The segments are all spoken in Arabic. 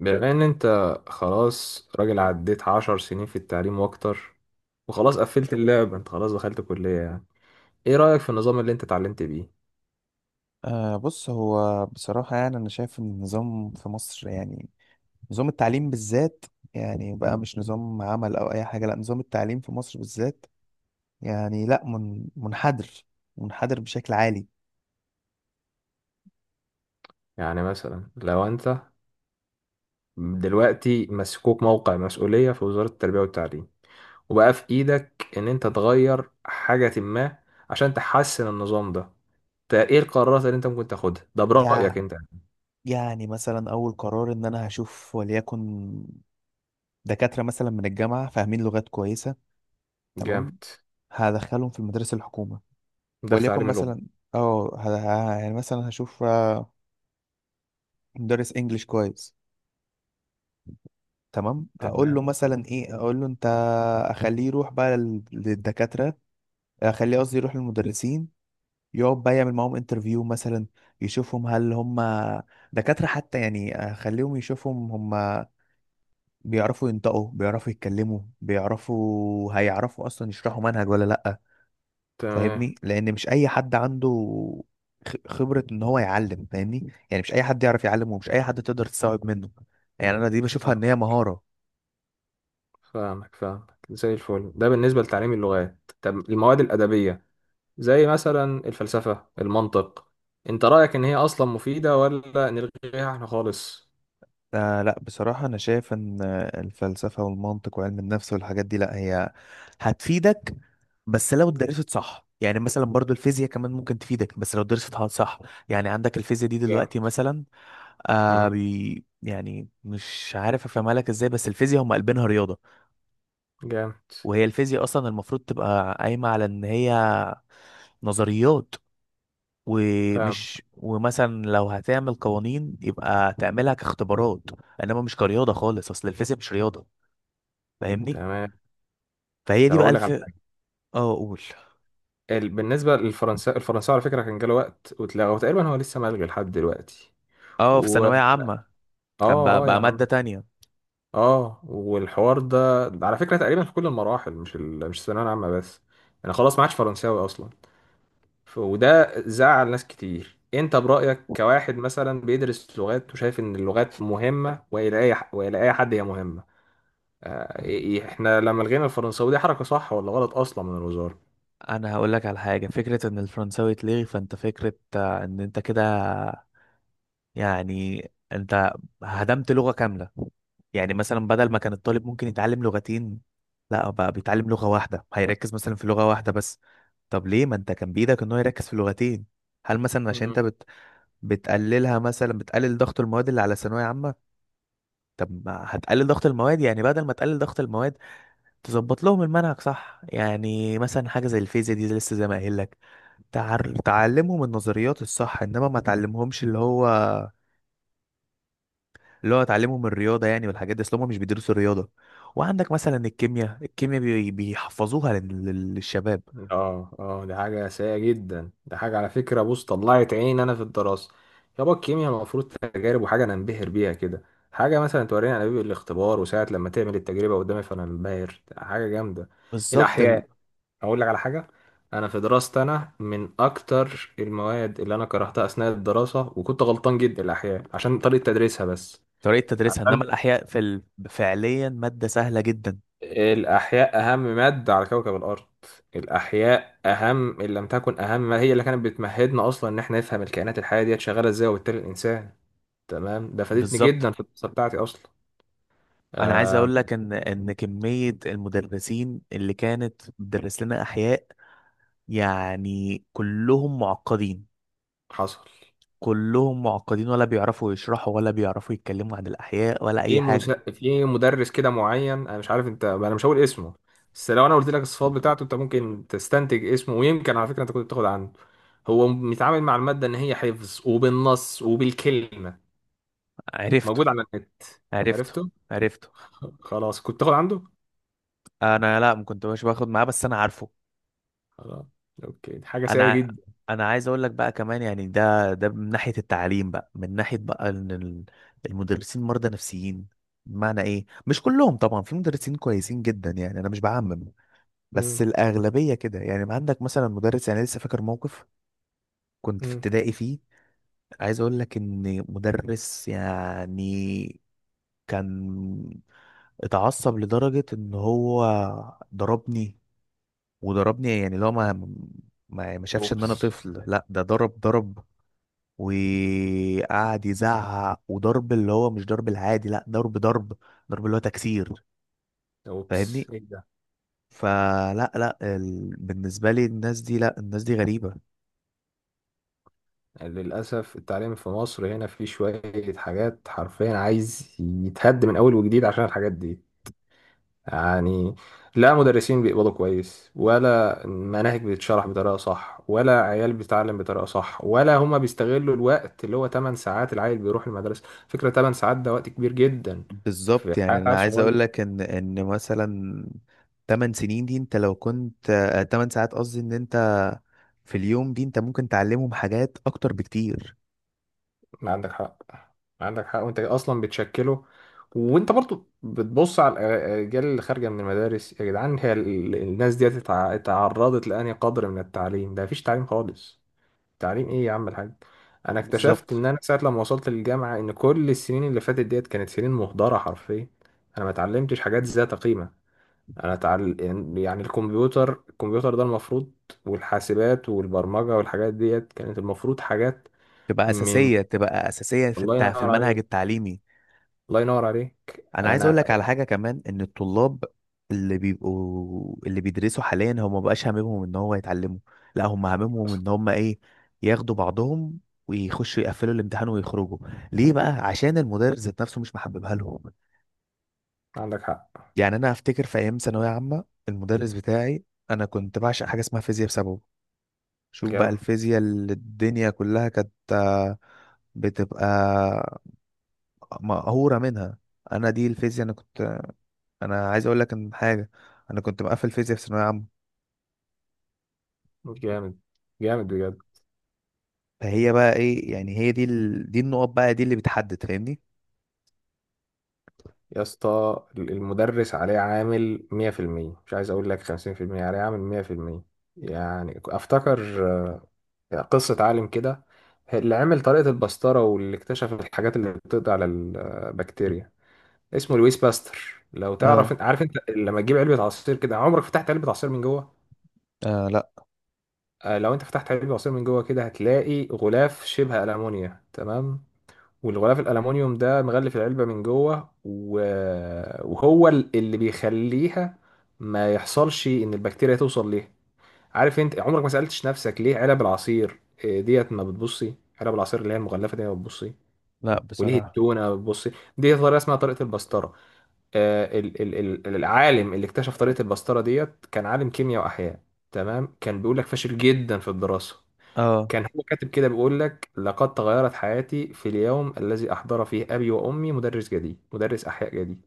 بما ان انت خلاص راجل، عديت 10 سنين في التعليم واكتر، وخلاص قفلت اللعبة. انت خلاص دخلت كلية. يعني ايه رأيك في النظام اللي انت اتعلمت بيه؟ بص، هو بصراحة يعني أنا شايف إن النظام في مصر، يعني نظام التعليم بالذات، يعني بقى مش نظام عمل أو أي حاجة. لأ، نظام التعليم في مصر بالذات يعني لأ، من منحدر منحدر بشكل عالي. يعني مثلا لو انت دلوقتي مسكوك موقع مسؤولية في وزارة التربية والتعليم وبقى في ايدك ان انت تغير حاجة ما عشان تحسن النظام ده، ايه القرارات اللي انت ممكن تاخدها ده يع- برأيك انت؟ يعني مثلا أول قرار إن أنا هشوف، وليكن دكاترة مثلا من الجامعة فاهمين لغات كويسة. تمام، جامد. هدخلهم في المدارس الحكومة. ده في وليكن تعليم اللغة. مثلا، اه ه- يعني مثلا هشوف مدرس انجليش كويس. تمام، اقول تمام، له مثلا ايه، اقول له انت اخليه يروح بقى للدكاتره، اخليه قصدي يروح للمدرسين، يقعد بقى يعمل معاهم انترفيو مثلا، يشوفهم هل هم دكاتره حتى، يعني اخليهم يشوفهم هم بيعرفوا ينطقوا، بيعرفوا يتكلموا، بيعرفوا هيعرفوا اصلا يشرحوا منهج ولا لا. تمام. فاهمني، لان مش اي حد عنده خبره ان هو يعلم. فاهمني، يعني مش اي حد يعرف يعلم، ومش اي حد تقدر تستوعب منه. يعني انا دي بشوفها ان صح. هي مهاره. فاهمك، فاهمك زي الفل. ده بالنسبة لتعليم اللغات. طب المواد الأدبية زي مثلا الفلسفة، المنطق، أنت رأيك إن هي أصلا مفيدة ولا نلغيها إحنا خالص؟ آه لا، بصراحة أنا شايف إن الفلسفة والمنطق وعلم النفس والحاجات دي، لا هي هتفيدك بس لو اتدرست صح. يعني مثلا برضو الفيزياء كمان ممكن تفيدك بس لو درستها صح. يعني عندك الفيزياء دي جامد. دلوقتي مثلا، آه مم. بي يعني مش عارف أفهمها لك إزاي، بس الفيزياء هم قلبينها رياضة. جامد. وهي الفيزياء أصلا المفروض تبقى قايمة على إن هي نظريات، فاهم. ومثلا لو هتعمل قوانين يبقى تعملها كاختبارات، انما مش كرياضه خالص. اصل الفيزياء مش رياضه، فاهمني. تمام. فهي دي طب بقى أقول لك الف. على حاجة. اه اقول. بالنسبة للفرنسا، الفرنساوي على فكرة كان جاله وقت واتلغى، وتقريبا هو لسه ملغي لحد دلوقتي اه، في و... ثانوية عامة. كان آه، بقى آه يا بقى مادة عم. تانية. آه، والحوار ده على فكرة تقريبا في كل المراحل، مش الثانوية العامة بس. أنا خلاص ما عادش فرنساوي أصلا. وده زعل ناس كتير. انت برأيك كواحد مثلا بيدرس لغات وشايف ان اللغات مهمة، والى اي حد هي مهمة؟ آه، إيه- إيه، احنا لما لغينا الفرنساوي دي حركة صح ولا غلط اصلا من الوزارة؟ انا هقول لك على حاجة، فكرة ان الفرنساوي اتلغي، فانت فكرة ان انت كده يعني، انت هدمت لغة كاملة. يعني مثلا بدل ما كان الطالب ممكن يتعلم لغتين، لا بقى مم. بيتعلم لغة واحدة، هيركز مثلا في لغة واحدة بس. طب ليه، ما انت كان بإيدك ان هو يركز في لغتين؟ هل مثلا عشان انت مم. بتقللها، مثلا بتقلل ضغط المواد اللي على ثانوية عامة؟ طب ما هتقلل ضغط المواد يعني، بدل ما تقلل ضغط المواد تظبط لهم المنهج صح. يعني مثلا حاجة زي الفيزياء دي لسه زي ما قايل لك، تعلمهم النظريات الصح، انما ما تعلمهمش اللي هو تعلمهم الرياضة يعني. والحاجات دي اصل هم مش بيدرسوا الرياضة. وعندك مثلا الكيمياء، الكيمياء بيحفظوها للشباب. اه، اه، دي حاجة سيئة جدا. دي حاجة على فكرة، بص، طلعت عيني انا في الدراسة. يابا الكيمياء المفروض تجارب، وحاجة انا انبهر بيها كده. حاجة مثلا توريني انابيب الاختبار، وساعة لما تعمل التجربة قدامي فانا انبهر، حاجة جامدة. بالظبط. الأحياء. اقول لك على حاجه، انا في دراستي انا من اكتر المواد اللي انا كرهتها اثناء الدراسه وكنت غلطان جدا الاحياء، عشان طريقه تدريسها بس. طريقة تدريسها، عشان انما الاحياء في فعليا مادة سهلة جدا. الاحياء اهم ماده على كوكب الارض. الاحياء اهم، ان لم تكن اهم، ما هي اللي كانت بتمهدنا اصلا ان احنا نفهم الكائنات الحيه ديت شغاله ازاي، وبالتالي الانسان. تمام، ده فادتني بالظبط. جدا في الدراسه بتاعتي اصلا. انا عايز آه. اقول لك ان كمية المدرسين اللي كانت بتدرس لنا احياء، يعني كلهم معقدين، حصل. كلهم معقدين ولا بيعرفوا يشرحوا ولا بيعرفوا يتكلموا عن الأحياء ولا أي حاجة. في مدرس كده معين، انا مش عارف انت، انا مش هقول اسمه، بس لو انا قلت لك الصفات بتاعته انت ممكن تستنتج اسمه، ويمكن على فكره انت كنت بتاخد عنه. هو بيتعامل مع الماده ان هي حفظ وبالنص وبالكلمه. عرفته. موجود على النت. عرفته. عرفته. عرفته. خلاص كنت تاخد عنده. أنا لا، ما كنتش باخد معاه بس أنا عارفه. خلاص. اوكي، دي حاجه سيئه أنا جدا. أنا عايز أقول لك بقى كمان، يعني ده من ناحية التعليم بقى، من ناحية بقى إن المدرسين مرضى نفسيين. بمعنى إيه، مش كلهم طبعا، في مدرسين كويسين جدا يعني أنا مش بعمم، بس امم. الأغلبية كده. يعني ما عندك مثلا مدرس، يعني لسه فاكر موقف كنت في امم. ابتدائي فيه. عايز اقول لك ان مدرس، يعني كان اتعصب لدرجة ان هو ضربني، وضربني يعني لو ما شافش ان انا اوبس. طفل، لا ده ضرب ضرب. وقعد يزعق وضرب، اللي هو مش ضرب العادي، لا ضرب ضرب، ضرب اللي هو تكسير. فاهمني. اوبس، ايه ده. فلا لا بالنسبة لي الناس دي، لا الناس دي غريبة. للاسف التعليم في مصر هنا فيه شويه حاجات حرفيا عايز يتهد من اول وجديد عشان الحاجات دي. يعني لا مدرسين بيقبضوا كويس، ولا مناهج بتتشرح بطريقة صح، ولا عيال بتتعلم بطريقة صح، ولا هما بيستغلوا الوقت اللي هو 8 ساعات العيل بيروح المدرسة. فكرة 8 ساعات ده وقت كبير جدا في بالظبط، يعني حياة انا عيل عايز اقول صغير. لك ان مثلا 8 سنين دي انت لو كنت 8 ساعات قصدي، ان انت في اليوم دي انت ممكن تعلمهم حاجات اكتر بكتير. ما عندك حق. ما عندك حق، وانت اصلا بتشكله. وانت برضو بتبص على الاجيال اللي خارجه من المدارس، يا جدعان هي الناس دي اتعرضت لانهي قدر من التعليم؟ ده مفيش تعليم خالص. تعليم ايه يا عم الحاج؟ انا اكتشفت بالظبط، ان انا ساعه لما وصلت للجامعه ان كل السنين اللي فاتت ديت كانت سنين مهدره حرفيا. انا ما اتعلمتش حاجات ذات قيمه. انا تعل... يعني الكمبيوتر ده المفروض، والحاسبات والبرمجه والحاجات ديت كانت المفروض حاجات تبقى من... اساسيه، تبقى اساسيه في الله ينور المنهج عليك. التعليمي. الله ينور عليك. انا عايز اقول انا لك على حاجه كمان، ان الطلاب اللي بيدرسوا حاليا هم مبقاش هاممهم ان هو يتعلموا. لا هم هاممهم ان هم ايه، ياخدوا بعضهم ويخشوا يقفلوا الامتحان ويخرجوا. ليه بقى؟ عشان المدرس ذات نفسه مش محببها لهم. عندك حق. يعني انا افتكر في ايام ثانويه عامه المدرس بتاعي، انا كنت بعشق حاجه اسمها فيزياء بسببه. شوف بقى جامد. الفيزياء اللي الدنيا كلها كانت بتبقى مقهوره منها. انا دي الفيزياء، انا كنت، انا عايز اقول لك ان حاجه، انا كنت مقفل فيزياء في ثانويه عامه. جامد، جامد بجد. فهي بقى ايه، يعني هي دي دي النقط بقى دي اللي بتحدد، فاهمني. يا اسطى، المدرس عليه عامل 100%، مش عايز اقول لك 50%، عليه عامل 100%. يعني افتكر، يعني قصة عالم كده اللي عمل طريقة البسترة واللي اكتشف الحاجات اللي بتقضي على البكتيريا، اسمه لويس باستر لو اه. تعرف. عارف انت لما تجيب علبة عصير كده، عمرك فتحت علبة عصير من جوه؟ اه. لا، لو انت فتحت علبة عصير من جوه كده هتلاقي غلاف شبه ألمونيا. تمام، والغلاف الالومنيوم ده مغلف العلبه من جوه و... وهو اللي بيخليها ما يحصلش ان البكتيريا توصل ليها. عارف انت عمرك ما سالتش نفسك ليه علب العصير ديت ما بتبصي؟ علب العصير اللي هي المغلفه دي ما بتبصي، لا وليه بصراحه. التونه ما بتبصي؟ دي طريقه اسمها طريقه البسطره. آه، ال... ال... العالم اللي اكتشف طريقه البسطره ديت كان عالم كيمياء واحياء. تمام، كان بيقول لك فاشل جدا في الدراسه. اه. كان هو كاتب كده بيقول لك: لقد تغيرت حياتي في اليوم الذي أحضر فيه أبي وأمي مدرس جديد، مدرس أحياء جديد.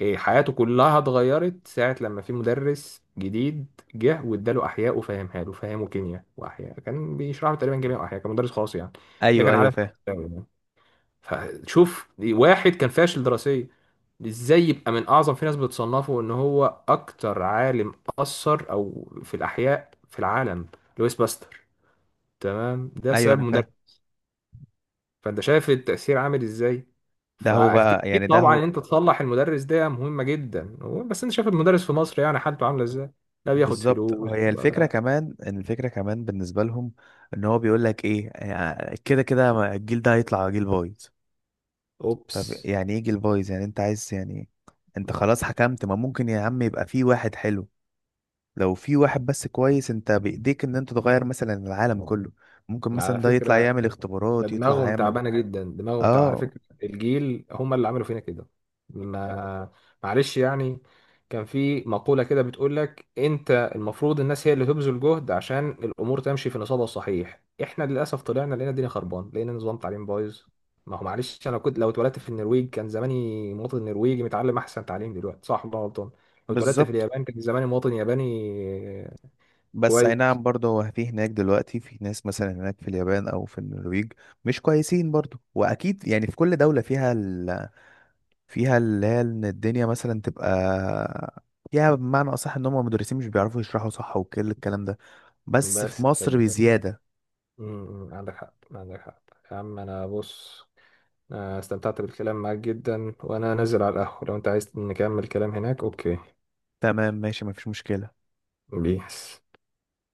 إيه، حياته كلها اتغيرت ساعة لما في مدرس جديد جه واداله أحياء وفهمها له، فهمه كيمياء وأحياء، كان بيشرح له تقريبا كيمياء وأحياء، كان مدرس خاص يعني. ده ايوه، كان ايوه عالم فاهم. فرنساوي يعني. فشوف واحد كان فاشل دراسيا ازاي يبقى من اعظم، في ناس بتصنفه ان هو اكتر عالم اثر او في الاحياء في العالم، لويس باستر. تمام، ده ايوه انا سبب. فاهم. فانت شايف التأثير عامل ازاي. ده هو بقى يعني فاكيد ده طبعا ان هو. انت تصلح المدرس ده مهمة جدا، بس انت شايف المدرس في مصر يعني حالته عاملة ازاي؟ لا بياخد بالظبط، فلوس هي الفكره ولا... كمان، إن الفكره كمان بالنسبه لهم، ان هو بيقول لك ايه كده كده الجيل ده هيطلع جيل بايظ. اوبس. طب يعني ايه جيل بايظ يعني؟ انت عايز يعني، انت خلاص حكمت؟ ما ممكن يا عم يبقى في واحد حلو. لو في واحد بس كويس انت بايديك ان انت تغير مثلا العالم كله. ممكن على مثلا ده يطلع فكرة يعمل ده اختبارات، يطلع دماغهم يعمل. تعبانه جدا، دماغهم تعبانه على اه فكره، الجيل هم اللي عملوا فينا كده. ما... معلش يعني. كان في مقوله كده بتقول لك انت المفروض الناس هي اللي تبذل جهد عشان الامور تمشي في نصابها الصحيح. احنا للاسف طلعنا لقينا الدنيا خربان، لقينا نظام تعليم بايظ. ما هو معلش، انا كنت لو اتولدت في النرويج كان زماني مواطن نرويجي متعلم احسن تعليم دلوقتي، صح ولا أنا غلطان؟ لو اتولدت في بالظبط. اليابان كان زماني مواطن ياباني. بس اي نعم، كويس. برضه هو في هناك دلوقتي في ناس مثلا هناك في اليابان او في النرويج مش كويسين برضه. واكيد يعني في كل دولة فيها اللي هي ان الدنيا مثلا تبقى فيها، بمعنى اصح ان هم المدرسين مش بيعرفوا يشرحوا صح وكل الكلام ده، بس في بس مصر كده. بزيادة. امم، عندك حق، عندك حق. يا عم انا بص، أنا استمتعت بالكلام معاك جدا، وانا نازل على القهوة لو انت عايز نكمل كلام هناك. اوكي. تمام ماشي، مفيش مشكلة. بيس.